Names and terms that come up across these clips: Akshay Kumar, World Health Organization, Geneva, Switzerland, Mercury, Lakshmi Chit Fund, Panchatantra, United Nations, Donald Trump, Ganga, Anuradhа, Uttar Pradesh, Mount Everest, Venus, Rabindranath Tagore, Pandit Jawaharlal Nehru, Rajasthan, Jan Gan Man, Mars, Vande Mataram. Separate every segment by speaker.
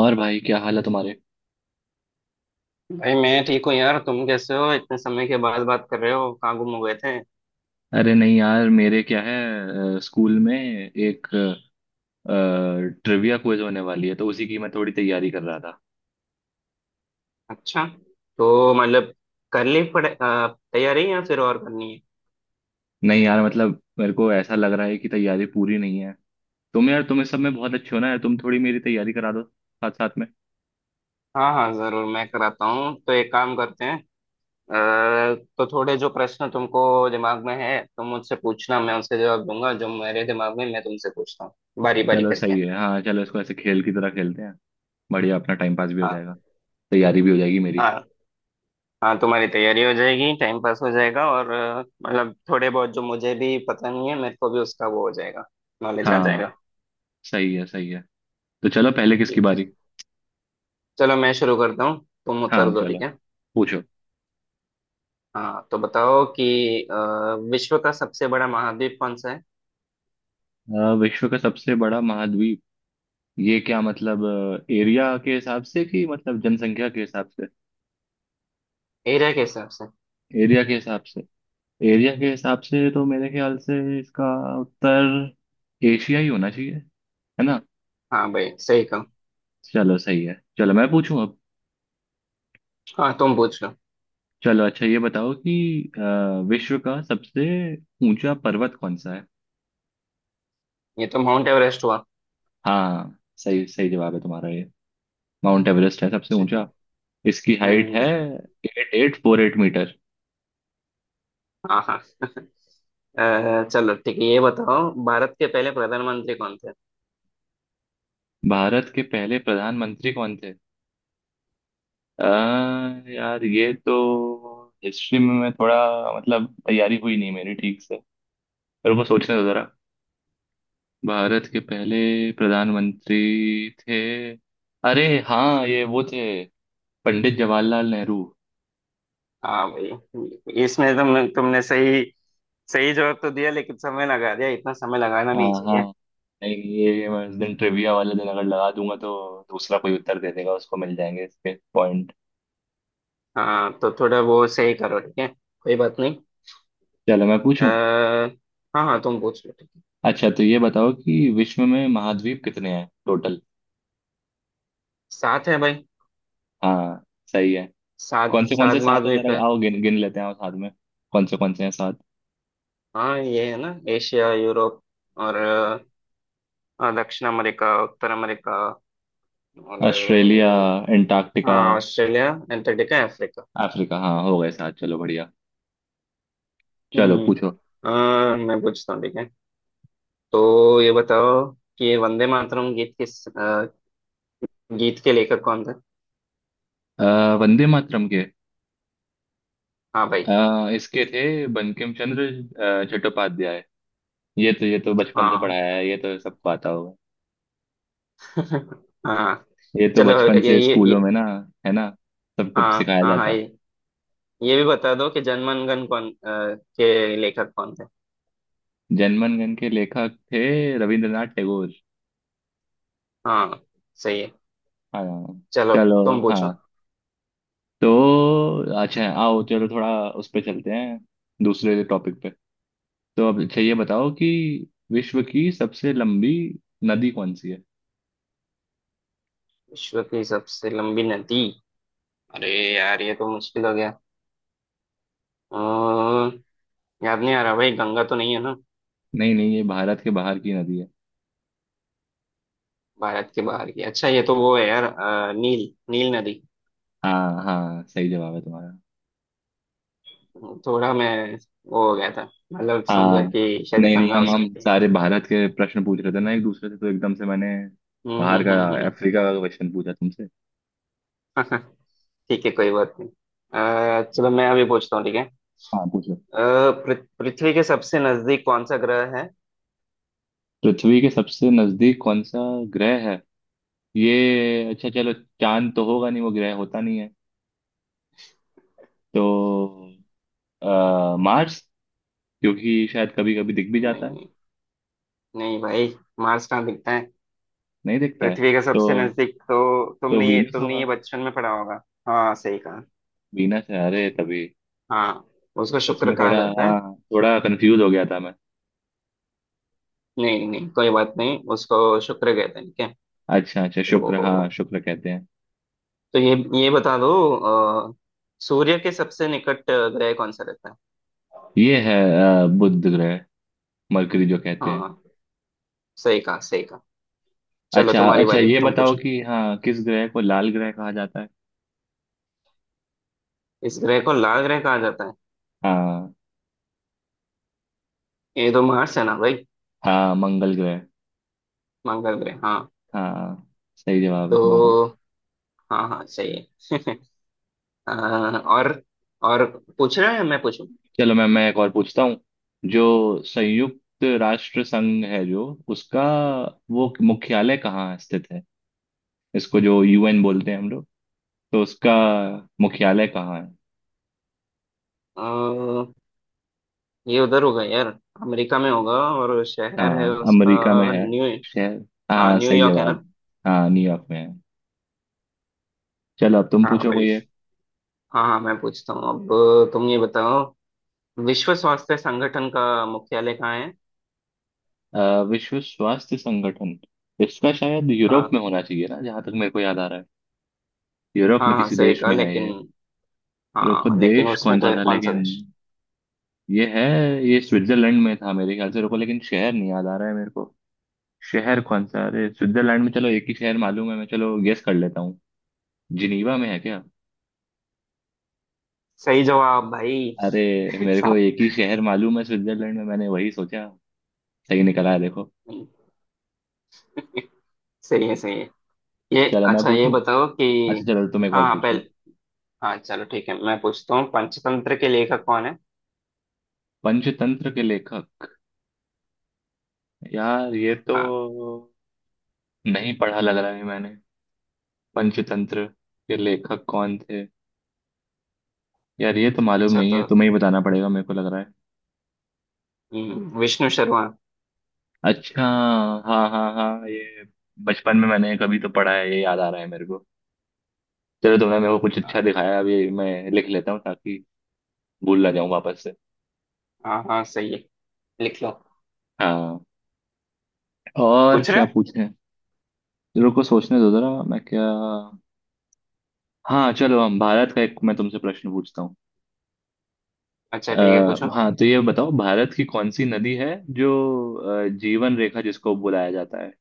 Speaker 1: और भाई क्या हाल है तुम्हारे?
Speaker 2: भाई मैं ठीक हूँ यार। तुम कैसे हो? इतने समय के बाद बात कर रहे हो, कहाँ गुम हो गए थे?
Speaker 1: अरे नहीं यार, मेरे क्या है। स्कूल में एक ट्रिविया क्विज होने वाली है, तो उसी की मैं थोड़ी तैयारी कर रहा था।
Speaker 2: अच्छा। तो मतलब कर ली पड़े तैयारी या फिर और करनी है?
Speaker 1: नहीं यार, मतलब मेरे को ऐसा लग रहा है कि तैयारी पूरी नहीं है। तुम यार तुम इस सब में बहुत अच्छे हो ना यार, तुम थोड़ी मेरी तैयारी करा दो साथ साथ में।
Speaker 2: हाँ हाँ जरूर, मैं कराता हूँ। तो एक काम करते हैं। तो थोड़े जो प्रश्न तुमको दिमाग में है तुम मुझसे पूछना, मैं उसके जवाब दूंगा, जो मेरे दिमाग में मैं तुमसे पूछता हूँ बारी बारी
Speaker 1: चलो
Speaker 2: करके।
Speaker 1: सही है। हाँ चलो, इसको ऐसे खेल की तरह खेलते हैं। बढ़िया, अपना टाइम पास भी हो
Speaker 2: हाँ
Speaker 1: जाएगा। तैयारी भी हो जाएगी मेरी।
Speaker 2: हाँ। हाँ तुम्हारी तैयारी हो जाएगी, टाइम पास हो जाएगा और मतलब थोड़े बहुत जो मुझे भी पता नहीं है मेरे को भी उसका वो हो जाएगा, नॉलेज आ
Speaker 1: हाँ,
Speaker 2: जाएगा।
Speaker 1: सही है सही है। तो चलो, पहले किसकी
Speaker 2: ठीक है।
Speaker 1: बारी?
Speaker 2: चलो मैं शुरू करता हूँ, तुम
Speaker 1: हाँ
Speaker 2: उत्तर दो,
Speaker 1: चलो,
Speaker 2: ठीक है?
Speaker 1: पूछो।
Speaker 2: हाँ तो बताओ कि अ, विश्व का सबसे बड़ा महाद्वीप कौन सा है?
Speaker 1: विश्व का सबसे बड़ा महाद्वीप? ये क्या मतलब, एरिया के हिसाब से कि मतलब जनसंख्या के हिसाब से?
Speaker 2: एरिया के हिसाब से।
Speaker 1: एरिया के हिसाब से। एरिया के हिसाब से तो मेरे ख्याल से इसका उत्तर एशिया ही होना चाहिए, है ना?
Speaker 2: हाँ भाई, सही कहा।
Speaker 1: चलो सही है। चलो मैं पूछूं अब।
Speaker 2: हाँ तुम पूछ लो।
Speaker 1: चलो अच्छा, ये बताओ कि अ, विश्व का सबसे ऊंचा पर्वत कौन सा है?
Speaker 2: ये तो माउंट एवरेस्ट हुआ।
Speaker 1: हाँ सही सही जवाब है तुम्हारा, ये माउंट एवरेस्ट है सबसे
Speaker 2: अच्छा।
Speaker 1: ऊंचा। इसकी हाइट है
Speaker 2: हम्म।
Speaker 1: 8848 मीटर।
Speaker 2: हाँ हाँ। चलो ठीक है, ये बताओ भारत के पहले प्रधानमंत्री कौन थे?
Speaker 1: भारत के पहले प्रधानमंत्री कौन थे? अ, यार, ये तो हिस्ट्री में मैं थोड़ा, मतलब तैयारी हुई नहीं मेरी ठीक से। पर वो सोचने दो जरा। भारत के पहले प्रधानमंत्री थे। अरे हाँ, ये वो थे, पंडित जवाहरलाल नेहरू।
Speaker 2: हाँ भाई, इसमें तुमने सही सही जवाब तो दिया लेकिन समय लगा दिया, इतना समय लगाना
Speaker 1: हाँ
Speaker 2: नहीं
Speaker 1: हाँ,
Speaker 2: चाहिए।
Speaker 1: नहीं, ये मैं उस दिन, ट्रिविया वाले दिन अगर लगा दूंगा तो दूसरा कोई उत्तर दे देगा, उसको मिल जाएंगे इसके पॉइंट।
Speaker 2: हाँ तो थोड़ा वो सही करो, ठीक है, कोई बात नहीं।
Speaker 1: चलो मैं पूछूं।
Speaker 2: अ, हाँ हाँ तुम पूछ लो।
Speaker 1: अच्छा तो ये बताओ कि विश्व में महाद्वीप कितने हैं टोटल?
Speaker 2: सात है भाई।
Speaker 1: हाँ सही है।
Speaker 2: सात
Speaker 1: कौन
Speaker 2: सात
Speaker 1: से साथ हैं,
Speaker 2: महाद्वीप
Speaker 1: जरा
Speaker 2: है।
Speaker 1: आओ गिन गिन लेते हैं और साथ में। कौन से हैं साथ?
Speaker 2: हाँ ये है ना, एशिया, यूरोप और हाँ, दक्षिण अमेरिका, उत्तर अमेरिका और
Speaker 1: ऑस्ट्रेलिया, अंटार्कटिका,
Speaker 2: हाँ ऑस्ट्रेलिया, एंटार्क्टिका, अफ्रीका।
Speaker 1: अफ्रीका। हाँ हो गए साथ, चलो बढ़िया। चलो
Speaker 2: हम्म।
Speaker 1: पूछो।
Speaker 2: मैं पूछता हूँ, ठीक है? तो ये बताओ कि ये वंदे मातरम गीत किस गीत के लेखक कौन थे?
Speaker 1: अ, वंदे मातरम के,
Speaker 2: हाँ भाई।
Speaker 1: इसके थे बंकिम चंद्र चट्टोपाध्याय। ये तो बचपन से
Speaker 2: हाँ।
Speaker 1: पढ़ाया है, ये तो सबको आता होगा।
Speaker 2: हाँ
Speaker 1: ये तो
Speaker 2: चलो
Speaker 1: बचपन से
Speaker 2: ये
Speaker 1: स्कूलों में ना, है ना, सबको
Speaker 2: हाँ
Speaker 1: सिखाया
Speaker 2: हाँ
Speaker 1: जाता
Speaker 2: हाँ,
Speaker 1: है।
Speaker 2: ये भी बता दो कि जनमनगन कौन के लेखक कौन थे?
Speaker 1: जनगण मन के लेखक थे रविंद्रनाथ टैगोर।
Speaker 2: हाँ सही है।
Speaker 1: हाँ
Speaker 2: चलो
Speaker 1: चलो।
Speaker 2: तुम पूछो।
Speaker 1: हाँ तो अच्छा आओ, चलो थोड़ा उस पे चलते हैं, दूसरे टॉपिक पे। तो अब अच्छा, ये बताओ कि विश्व की सबसे लंबी नदी कौन सी है?
Speaker 2: विश्व की सबसे लंबी नदी? अरे यार, ये तो मुश्किल हो गया। अम्म, याद नहीं आ रहा भाई, गंगा तो नहीं है ना?
Speaker 1: नहीं नहीं, ये भारत के बाहर की नदी है।
Speaker 2: भारत के बाहर की? अच्छा ये तो वो है यार, नील नील नदी।
Speaker 1: हाँ हाँ, सही जवाब है तुम्हारा।
Speaker 2: थोड़ा मैं वो हो गया था, मतलब समझा
Speaker 1: हाँ
Speaker 2: कि शायद
Speaker 1: नहीं नहीं,
Speaker 2: गंगा हो
Speaker 1: हम
Speaker 2: सकती है।
Speaker 1: सारे भारत के प्रश्न पूछ रहे थे ना एक दूसरे से, तो एकदम से मैंने
Speaker 2: हम्म,
Speaker 1: बाहर का,
Speaker 2: हम्म, हम्म,
Speaker 1: अफ्रीका का क्वेश्चन पूछा तुमसे।
Speaker 2: हम्म। ठीक है, कोई बात नहीं। चलो मैं अभी पूछता हूँ, ठीक है?
Speaker 1: हाँ पूछो।
Speaker 2: अ, पृथ्वी के सबसे नजदीक कौन सा ग्रह है?
Speaker 1: पृथ्वी के सबसे नजदीक कौन सा ग्रह है? ये अच्छा, चलो, चांद तो होगा नहीं, वो ग्रह होता नहीं है। तो मार्स, क्योंकि शायद कभी कभी दिख भी जाता
Speaker 2: नहीं
Speaker 1: है।
Speaker 2: नहीं। नहीं भाई, मार्स कहाँ दिखता है?
Speaker 1: नहीं दिखता है
Speaker 2: पृथ्वी का
Speaker 1: तो
Speaker 2: सबसे नजदीक तो,
Speaker 1: तो
Speaker 2: तुमने ये
Speaker 1: वीनस
Speaker 2: तुमने
Speaker 1: होगा।
Speaker 2: ये बचपन में पढ़ा होगा। हाँ सही कहा।
Speaker 1: वीनस है, अरे तभी।
Speaker 2: हाँ उसको शुक्र
Speaker 1: इसमें
Speaker 2: कहा
Speaker 1: थोड़ा
Speaker 2: जाता है।
Speaker 1: हाँ थोड़ा कंफ्यूज हो गया था मैं।
Speaker 2: नहीं नहीं कोई बात नहीं, उसको शुक्र कहते हैं, ठीक है।
Speaker 1: अच्छा अच्छा शुक्र, हाँ
Speaker 2: तो
Speaker 1: शुक्र कहते हैं।
Speaker 2: तो ये बता दो अ, सूर्य के सबसे निकट ग्रह कौन सा रहता है?
Speaker 1: ये है बुध ग्रह, मरकरी जो कहते हैं।
Speaker 2: हाँ, सही कहा, सही कहा। चलो
Speaker 1: अच्छा
Speaker 2: तुम्हारी
Speaker 1: अच्छा,
Speaker 2: बारी,
Speaker 1: ये
Speaker 2: तुम
Speaker 1: बताओ
Speaker 2: पूछो।
Speaker 1: कि हाँ, किस ग्रह को लाल ग्रह कहा जाता है?
Speaker 2: इस ग्रह को लाल ग्रह कहा जाता है?
Speaker 1: हाँ
Speaker 2: ये तो मार्स है ना भाई,
Speaker 1: हाँ मंगल ग्रह।
Speaker 2: मंगल ग्रह, हाँ।
Speaker 1: हाँ सही जवाब है तुम्हारा।
Speaker 2: तो हाँ हाँ सही है। अ, और और पूछ रहे हैं, मैं पूछूं?
Speaker 1: चलो मैम, मैं एक और पूछता हूँ। जो संयुक्त राष्ट्र संघ है जो, उसका वो मुख्यालय कहाँ स्थित है? इसको जो यूएन बोलते हैं हम लोग, तो उसका मुख्यालय कहाँ है?
Speaker 2: ये उधर होगा यार, अमेरिका में होगा। और शहर है
Speaker 1: हाँ
Speaker 2: उसका,
Speaker 1: अमेरिका में है,
Speaker 2: न्यू।
Speaker 1: शहर।
Speaker 2: हाँ
Speaker 1: हाँ सही
Speaker 2: न्यूयॉर्क है
Speaker 1: जवाब।
Speaker 2: ना।
Speaker 1: हाँ न्यूयॉर्क में है। चलो, अब तुम
Speaker 2: हाँ
Speaker 1: पूछो
Speaker 2: भाई,
Speaker 1: कोई एक।
Speaker 2: हाँ हाँ मैं पूछता हूँ अब। तुम ये बताओ विश्व स्वास्थ्य संगठन का मुख्यालय कहाँ है?
Speaker 1: विश्व स्वास्थ्य संगठन, इसका शायद यूरोप
Speaker 2: हाँ,
Speaker 1: में होना चाहिए ना, जहां तक मेरे को याद आ रहा है। यूरोप में
Speaker 2: हाँ हाँ
Speaker 1: किसी
Speaker 2: सही
Speaker 1: देश
Speaker 2: कहा
Speaker 1: में है
Speaker 2: लेकिन,
Speaker 1: ये। रुको,
Speaker 2: हाँ लेकिन
Speaker 1: देश
Speaker 2: उसमें
Speaker 1: कौन सा
Speaker 2: कोई,
Speaker 1: था
Speaker 2: कौन सा
Speaker 1: लेकिन।
Speaker 2: देश?
Speaker 1: ये है, ये स्विट्जरलैंड में था मेरे ख्याल से, रुको, लेकिन शहर नहीं याद आ रहा है मेरे को। शहर कौन सा, अरे स्विट्जरलैंड में चलो एक ही शहर मालूम है मैं, चलो गेस कर लेता हूँ। जिनीवा में है क्या?
Speaker 2: सही जवाब भाई।
Speaker 1: अरे मेरे को
Speaker 2: साहब।
Speaker 1: एक ही शहर मालूम है स्विट्जरलैंड में, मैंने वही सोचा। सही निकला है देखो।
Speaker 2: सही है, सही है। ये,
Speaker 1: चलो मैं
Speaker 2: अच्छा ये
Speaker 1: पूछूं।
Speaker 2: बताओ कि,
Speaker 1: अच्छा चलो, तुम एक
Speaker 2: हाँ
Speaker 1: और
Speaker 2: हाँ,
Speaker 1: पूछ लो।
Speaker 2: पहले, हाँ चलो ठीक है मैं पूछता हूँ। पंचतंत्र के लेखक कौन है?
Speaker 1: पंचतंत्र के लेखक, यार ये तो
Speaker 2: हाँ।
Speaker 1: नहीं पढ़ा लग रहा है मैंने। पंचतंत्र के लेखक कौन थे? यार, ये तो मालूम
Speaker 2: अच्छा
Speaker 1: नहीं है,
Speaker 2: तो
Speaker 1: तुम्हें ही बताना पड़ेगा मेरे को लग रहा है।
Speaker 2: विष्णु शर्मा।
Speaker 1: अच्छा, हाँ हाँ हाँ, ये बचपन में मैंने कभी तो पढ़ा है, ये याद आ रहा है मेरे को। चलो तुमने मेरे को कुछ अच्छा दिखाया, अभी मैं लिख लेता हूँ ताकि भूल ना जाऊँ वापस से।
Speaker 2: हाँ हाँ सही है, लिख लो।
Speaker 1: हाँ, और
Speaker 2: पूछ रहे
Speaker 1: क्या
Speaker 2: हो?
Speaker 1: पूछें। रुको सोचने दो जरा मैं क्या। हाँ चलो, हम भारत का एक मैं तुमसे प्रश्न पूछता हूँ।
Speaker 2: अच्छा
Speaker 1: अ,
Speaker 2: ठीक है पूछो।
Speaker 1: हाँ तो ये बताओ, भारत की कौन सी नदी है जो जीवन रेखा जिसको बुलाया जाता है?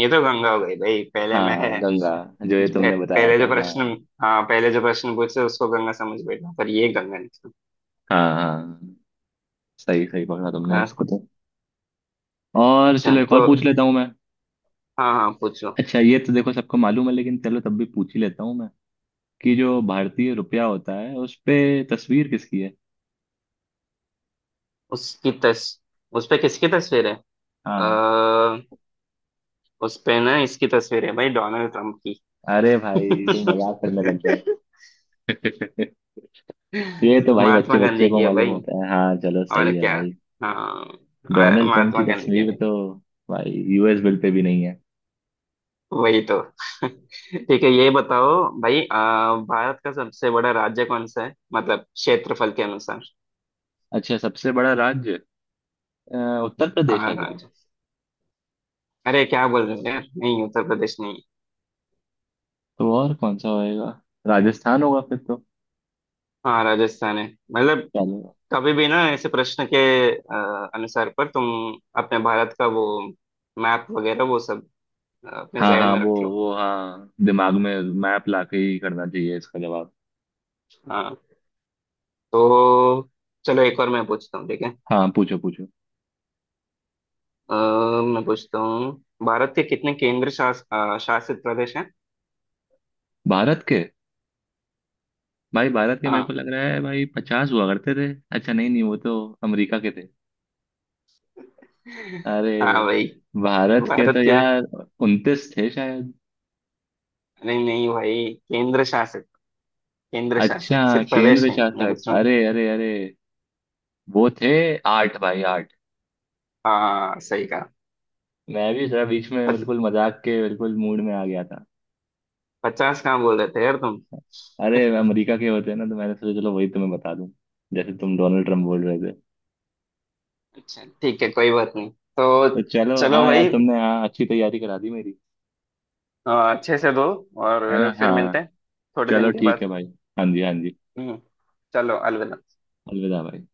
Speaker 2: ये तो गंगा हो गई भाई, पहले मैं
Speaker 1: हाँ
Speaker 2: है।
Speaker 1: गंगा, जो ये तुमने बताया
Speaker 2: पहले
Speaker 1: था
Speaker 2: जो प्रश्न,
Speaker 1: हाँ।
Speaker 2: हाँ पहले जो प्रश्न पूछे उसको गंगा समझ बैठा पर ये गंगा निकला।
Speaker 1: हाँ हाँ, सही सही पकड़ा तुमने इसको तो। और
Speaker 2: अच्छा
Speaker 1: चलो, एक और
Speaker 2: तो
Speaker 1: पूछ लेता हूँ मैं।
Speaker 2: हाँ हाँ पूछो।
Speaker 1: अच्छा ये तो देखो सबको मालूम है, लेकिन चलो तब भी पूछ ही लेता हूँ मैं कि जो भारतीय रुपया होता है, उस पे तस्वीर किसकी है?
Speaker 2: उसकी तस उस पे किसकी तस्वीर है?
Speaker 1: हाँ,
Speaker 2: आ, उस पे ना इसकी तस्वीर है भाई, डोनाल्ड ट्रंप की।
Speaker 1: अरे भाई तुम मजाक करने लग गए ये तो भाई बच्चे
Speaker 2: महात्मा
Speaker 1: बच्चे
Speaker 2: गांधी
Speaker 1: को
Speaker 2: की है
Speaker 1: मालूम
Speaker 2: भाई,
Speaker 1: होता है, हाँ चलो
Speaker 2: और
Speaker 1: सही है
Speaker 2: क्या?
Speaker 1: भाई।
Speaker 2: हाँ,
Speaker 1: डोनाल्ड ट्रंप की
Speaker 2: महात्मा गांधी की है
Speaker 1: तस्वीर
Speaker 2: भाई।
Speaker 1: तो भाई यूएस बिल पे भी नहीं है।
Speaker 2: वही तो। ठीक है, ये बताओ भाई भारत का सबसे बड़ा राज्य कौन सा है, मतलब क्षेत्रफल के अनुसार?
Speaker 1: अच्छा सबसे बड़ा राज्य, अ, उत्तर प्रदेश
Speaker 2: हाँ
Speaker 1: है क्या?
Speaker 2: राज्य, अरे क्या बोल रहे हो यार, नहीं उत्तर प्रदेश नहीं।
Speaker 1: तो और कौन सा होएगा, राजस्थान होगा फिर तो।
Speaker 2: हाँ राजस्थान है। मतलब,
Speaker 1: चलो
Speaker 2: कभी भी ना ऐसे प्रश्न के अनुसार पर तुम अपने भारत का वो मैप वगैरह वो सब अपने
Speaker 1: हाँ
Speaker 2: जहन
Speaker 1: हाँ
Speaker 2: में
Speaker 1: वो
Speaker 2: रख लो।
Speaker 1: वो हाँ, दिमाग में मैप लाके ही करना चाहिए इसका जवाब।
Speaker 2: हाँ। तो चलो एक और मैं पूछता हूँ, ठीक है?
Speaker 1: हाँ पूछो पूछो।
Speaker 2: अ, मैं पूछता हूँ, भारत के कितने केंद्र शासित प्रदेश हैं?
Speaker 1: भारत के, भाई भारत के, मेरे को
Speaker 2: हाँ।
Speaker 1: लग रहा है भाई 50 हुआ करते थे। अच्छा नहीं नहीं वो तो अमेरिका के थे। अरे
Speaker 2: हाँ भाई,
Speaker 1: भारत के
Speaker 2: भारत
Speaker 1: तो
Speaker 2: के,
Speaker 1: यार 29 थे शायद।
Speaker 2: नहीं नहीं भाई केंद्र शासित, केंद्र शासित
Speaker 1: अच्छा
Speaker 2: सिर्फ प्रदेश
Speaker 1: केंद्र
Speaker 2: नहीं मैं
Speaker 1: शासक,
Speaker 2: पूछ रहा हूँ।
Speaker 1: अरे अरे अरे, वो थे आठ भाई आठ।
Speaker 2: हाँ सही कहा।
Speaker 1: मैं भी जरा बीच में
Speaker 2: पच,
Speaker 1: बिल्कुल मजाक के बिल्कुल मूड में आ गया था।
Speaker 2: 50 कहाँ बोल रहे थे यार तुम?
Speaker 1: अरे अमेरिका के होते हैं ना, तो मैंने सोचा चलो वही तुम्हें बता दूं। जैसे तुम डोनाल्ड ट्रम्प बोल रहे।
Speaker 2: अच्छा ठीक है कोई बात नहीं। तो
Speaker 1: तो चलो
Speaker 2: चलो
Speaker 1: हाँ यार,
Speaker 2: भाई
Speaker 1: तुमने हाँ अच्छी तैयारी करा दी मेरी।
Speaker 2: अच्छे से दो और
Speaker 1: है ना
Speaker 2: फिर मिलते
Speaker 1: हाँ।
Speaker 2: हैं थोड़े
Speaker 1: चलो
Speaker 2: दिन के
Speaker 1: ठीक
Speaker 2: बाद।
Speaker 1: है भाई। हाँ जी हाँ जी।
Speaker 2: हम्म। चलो अलविदा।
Speaker 1: अलविदा भाई।